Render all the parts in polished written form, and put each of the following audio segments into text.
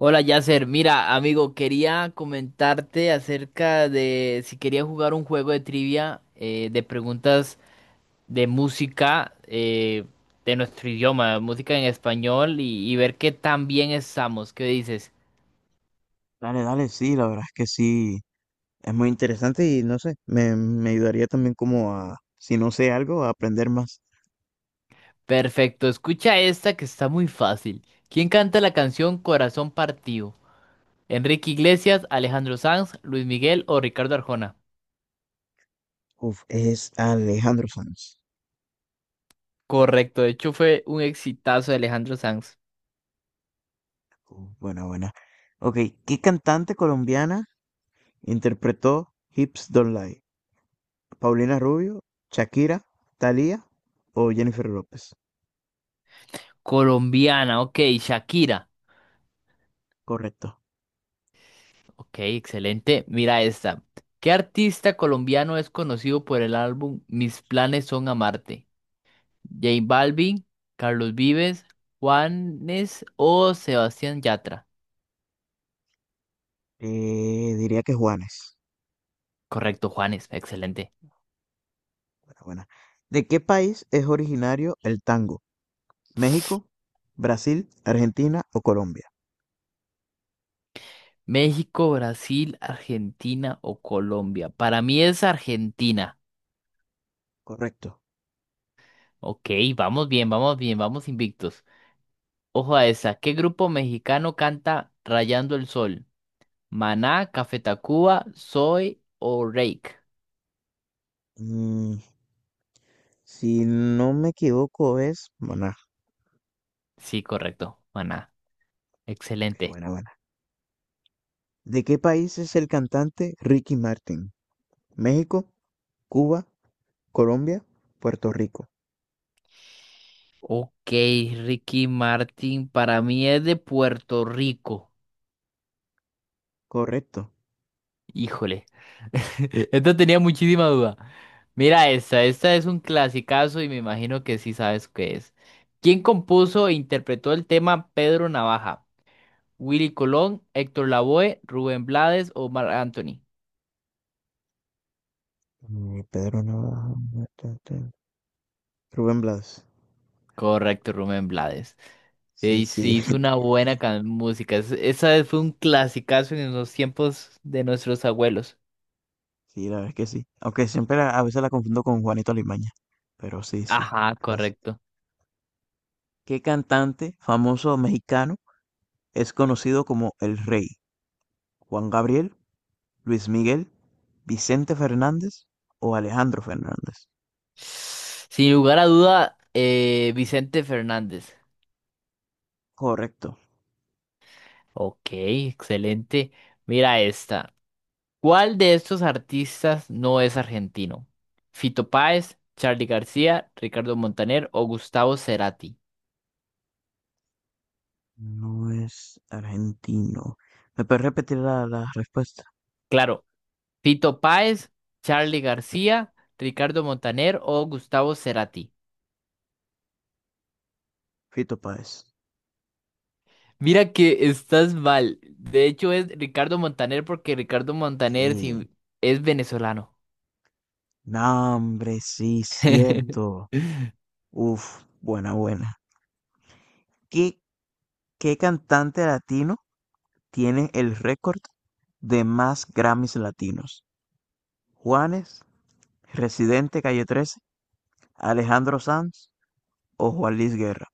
Hola Yasser, mira amigo, quería comentarte acerca de si quería jugar un juego de trivia de preguntas de música de nuestro idioma, música en español y ver qué tan bien estamos. ¿Qué dices? Dale, dale, sí, la verdad es que sí, es muy interesante y no sé, me ayudaría también como a, si no sé algo, a aprender más. Perfecto, escucha esta que está muy fácil. ¿Quién canta la canción Corazón Partido? ¿Enrique Iglesias, Alejandro Sanz, Luis Miguel o Ricardo Arjona? Uf, es Alejandro Sanz. Correcto, de hecho fue un exitazo de Alejandro Sanz. Uf, buena, buena. Ok, ¿qué cantante colombiana interpretó Hips Don't Lie? ¿Paulina Rubio, Shakira, Thalía o Jennifer López? Colombiana, ok, Shakira. Correcto. Ok, excelente. Mira esta. ¿Qué artista colombiano es conocido por el álbum Mis planes son amarte? ¿J Balvin, Carlos Vives, Juanes o Sebastián Yatra? Diría que Juanes. Correcto, Juanes, excelente. Buena, buena. ¿De qué país es originario el tango? ¿México, Brasil, Argentina o Colombia? México, Brasil, Argentina o Colombia. Para mí es Argentina. Correcto. Ok, vamos bien, vamos bien, vamos invictos. Ojo a esa. ¿Qué grupo mexicano canta Rayando el Sol? ¿Maná, Café Tacuba, Soy o Reik? Mm, si no me equivoco es Maná. Sí, correcto. Buena. Ok, Excelente. buena, buena. ¿De qué país es el cantante Ricky Martin? ¿México, Cuba, Colombia, Puerto Rico? Ok, Ricky Martin, para mí es de Puerto Rico. Correcto. Híjole. Esto tenía muchísima duda. Mira esta, esta es un clasicazo y me imagino que sí sabes qué es. ¿Quién compuso e interpretó el tema Pedro Navaja? ¿Willy Colón, Héctor Lavoe, Rubén Blades o Marc Anthony? Pedro Navajo. Ta, ta. Rubén Blas. Correcto, Rubén Blades. Eh, Sí, Y sí. sí, hizo una buena música. Esa vez fue un clasicazo en los tiempos de nuestros abuelos. Sí, la verdad es que sí. Aunque siempre a veces la confundo con Juanito Alimaña. Pero sí, sí. Ajá, Clásico. correcto. ¿Qué cantante famoso mexicano es conocido como El Rey? ¿Juan Gabriel, Luis Miguel, Vicente Fernández o Alejandro Fernández? Sin lugar a duda, Vicente Fernández. Correcto. Ok, excelente. Mira esta. ¿Cuál de estos artistas no es argentino? ¿Fito Páez, Charly García, Ricardo Montaner o Gustavo Cerati? No es argentino. ¿Me puedes repetir la respuesta? Claro, Fito Páez, Charly García, Ricardo Montaner o Gustavo Cerati. Fito Páez. Mira que estás mal. De hecho es Ricardo Montaner porque Ricardo Montaner ¿Qué? sí, es venezolano. No, hombre, sí, cierto. Uf, buena, buena. ¿Qué, qué cantante latino tiene el récord de más Grammys latinos? ¿Juanes, Residente Calle 13, Alejandro Sanz o Juan Luis Guerra?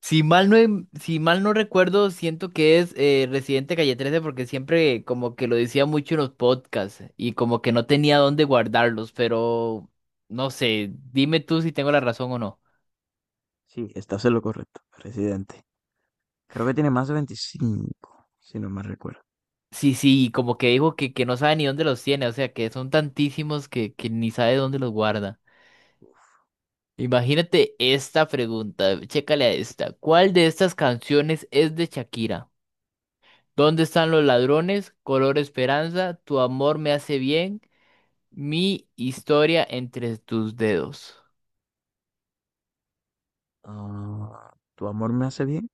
Si mal no, si mal no recuerdo, siento que es Residente Calle 13 porque siempre como que lo decía mucho en los podcasts y como que no tenía dónde guardarlos, pero no sé, dime tú si tengo la razón o no. Sí, estás en lo correcto, Residente. Creo que tiene más de 25, si no me recuerdo. Sí, sí, como que dijo que no sabe ni dónde los tiene, o sea que son tantísimos que ni sabe dónde los guarda. Imagínate esta pregunta, chécale a esta. ¿Cuál de estas canciones es de Shakira? ¿Dónde están los ladrones? Color Esperanza, Tu amor me hace bien, Mi historia entre tus dedos. Ah, ¿Tu amor me hace bien?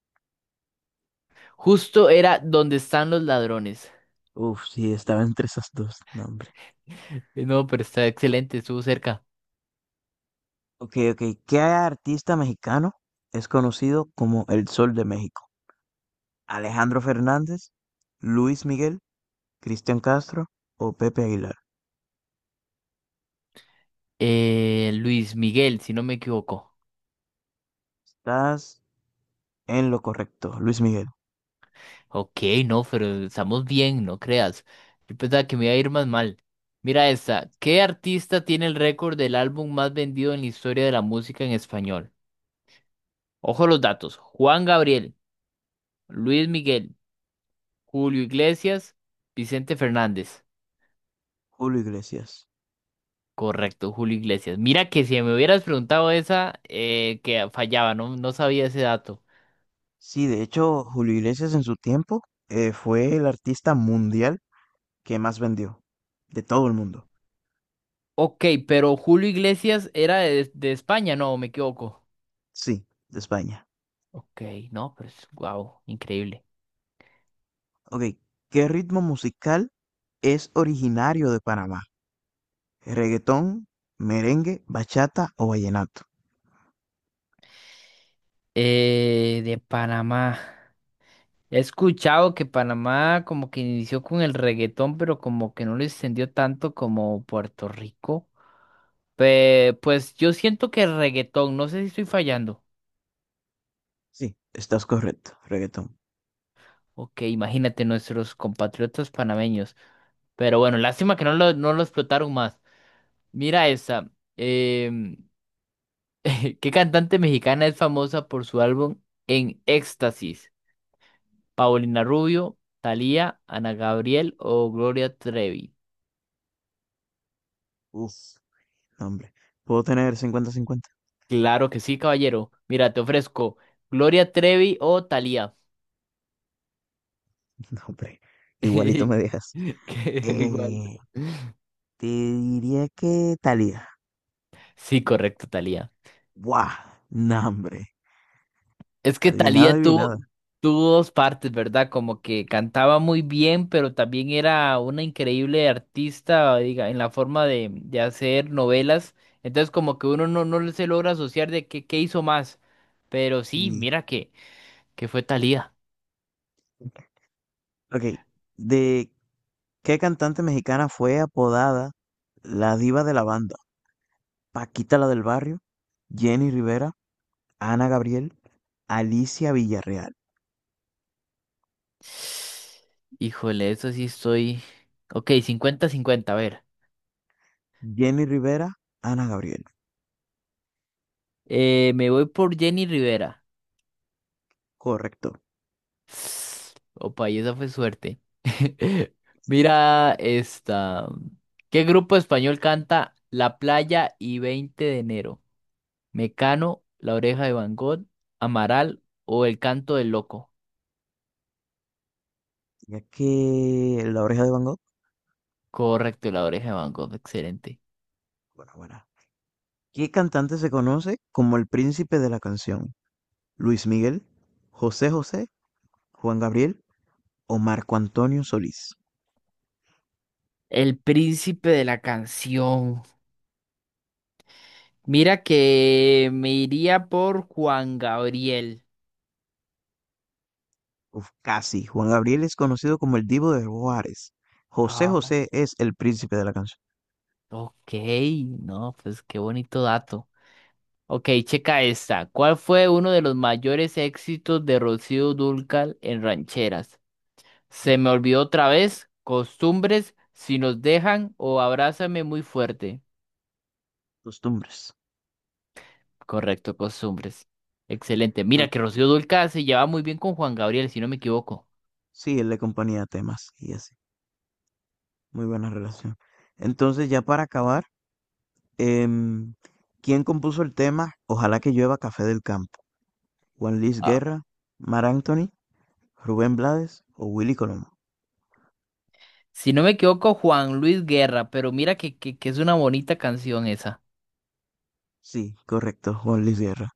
Justo era ¿Dónde están los ladrones? Uf, sí, estaba entre esas dos, no, hombre. No, pero está excelente, estuvo cerca. Ok, ok. ¿Qué artista mexicano es conocido como el Sol de México? ¿Alejandro Fernández, Luis Miguel, Cristian Castro o Pepe Aguilar? Luis Miguel, si no me equivoco. Estás en lo correcto, Luis Miguel. Ok, no, pero estamos bien, no creas. Yo pensaba que me iba a ir más mal. Mira esta. ¿Qué artista tiene el récord del álbum más vendido en la historia de la música en español? Ojo los datos. Juan Gabriel, Luis Miguel, Julio Iglesias, Vicente Fernández. Julio Iglesias. Correcto, Julio Iglesias. Mira que si me hubieras preguntado esa, que fallaba, no, no sabía ese dato. Sí, de hecho, Julio Iglesias en su tiempo fue el artista mundial que más vendió de todo el mundo. Ok, pero Julio Iglesias era de España, no, me equivoco. Sí, de España. Ok, no, pero es guau, increíble. Ok, ¿qué ritmo musical es originario de Panamá? ¿Reggaetón, merengue, bachata o vallenato? De Panamá. He escuchado que Panamá como que inició con el reggaetón, pero como que no lo extendió tanto como Puerto Rico. Pues yo siento que el reggaetón, no sé si estoy fallando. Sí, estás correcto, reggaetón. Ok, imagínate nuestros compatriotas panameños. Pero bueno, lástima que no lo explotaron más. Mira esa. em, ¿Qué cantante mexicana es famosa por su álbum En Éxtasis? ¿Paulina Rubio, Thalía, Ana Gabriel o Gloria Trevi? Uf, no, hombre. ¿Puedo tener 50/50? Claro que sí, caballero. Mira, te ofrezco Gloria Trevi o Thalía. No, hombre. Igualito me dejas. Que Igual. Eh, Te diría que Thalía. Sí, correcto, Thalía. ¡Buah! No, hombre. Es que Adivinada, Thalía adivinada. tuvo dos partes, ¿verdad? Como que cantaba muy bien, pero también era una increíble artista, diga, en la forma de hacer novelas. Entonces, como que uno no se logra asociar de qué hizo más. Pero sí, Sí. mira que fue Thalía. Ok, ¿de qué cantante mexicana fue apodada la diva de la banda? ¿Paquita la del barrio? ¿Jenny Rivera? ¿Ana Gabriel? Alicia Villarreal, Híjole, eso sí estoy. Ok, cincuenta-cincuenta. A ver. Jenny Rivera, Ana Gabriel. Me voy por Jenny Rivera. Correcto. Opa, y esa fue suerte. Mira esta. ¿Qué grupo español canta La Playa y 20 de enero? ¿Mecano, La Oreja de Van Gogh, Amaral o El Canto del Loco? Ya que La Oreja de Van Gogh, Correcto, La Oreja de Van Gogh, excelente. bueno, bueno. ¿Qué cantante se conoce como el príncipe de la canción? ¿Luis Miguel, José José, Juan Gabriel o Marco Antonio Solís? El príncipe de la canción. Mira que me iría por Juan Gabriel. Uf, casi. Juan Gabriel es conocido como el Divo de Juárez. José Ah, José es el príncipe de la canción. ok, no, pues qué bonito dato. Ok, checa esta. ¿Cuál fue uno de los mayores éxitos de Rocío Dúrcal en rancheras? Se me olvidó otra vez. Costumbres, si nos dejan o abrázame muy fuerte. Costumbres. Correcto, costumbres. Excelente. Mira Entonces, que Rocío Dúrcal se lleva muy bien con Juan Gabriel, si no me equivoco. sí, él le acompaña temas y así. Muy buena relación. Entonces, ya para acabar, Em, ¿quién compuso el tema Ojalá que llueva café del campo? ¿Juan Luis Ah, Guerra, Mar Anthony, Rubén Blades o Willy Colón? si no me equivoco, Juan Luis Guerra, pero mira que, que es una bonita canción esa. Sí, correcto, Juan Luis Guerra.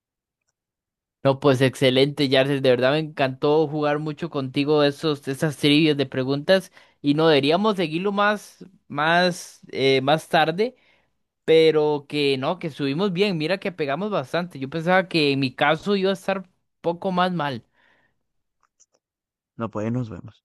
No, pues excelente, Yardes. De verdad me encantó jugar mucho contigo esos, esas trivias de preguntas. Y no deberíamos seguirlo más, más tarde. Pero que no, que subimos bien. Mira que pegamos bastante. Yo pensaba que en mi caso iba a estar poco más mal. No, pues nos vemos.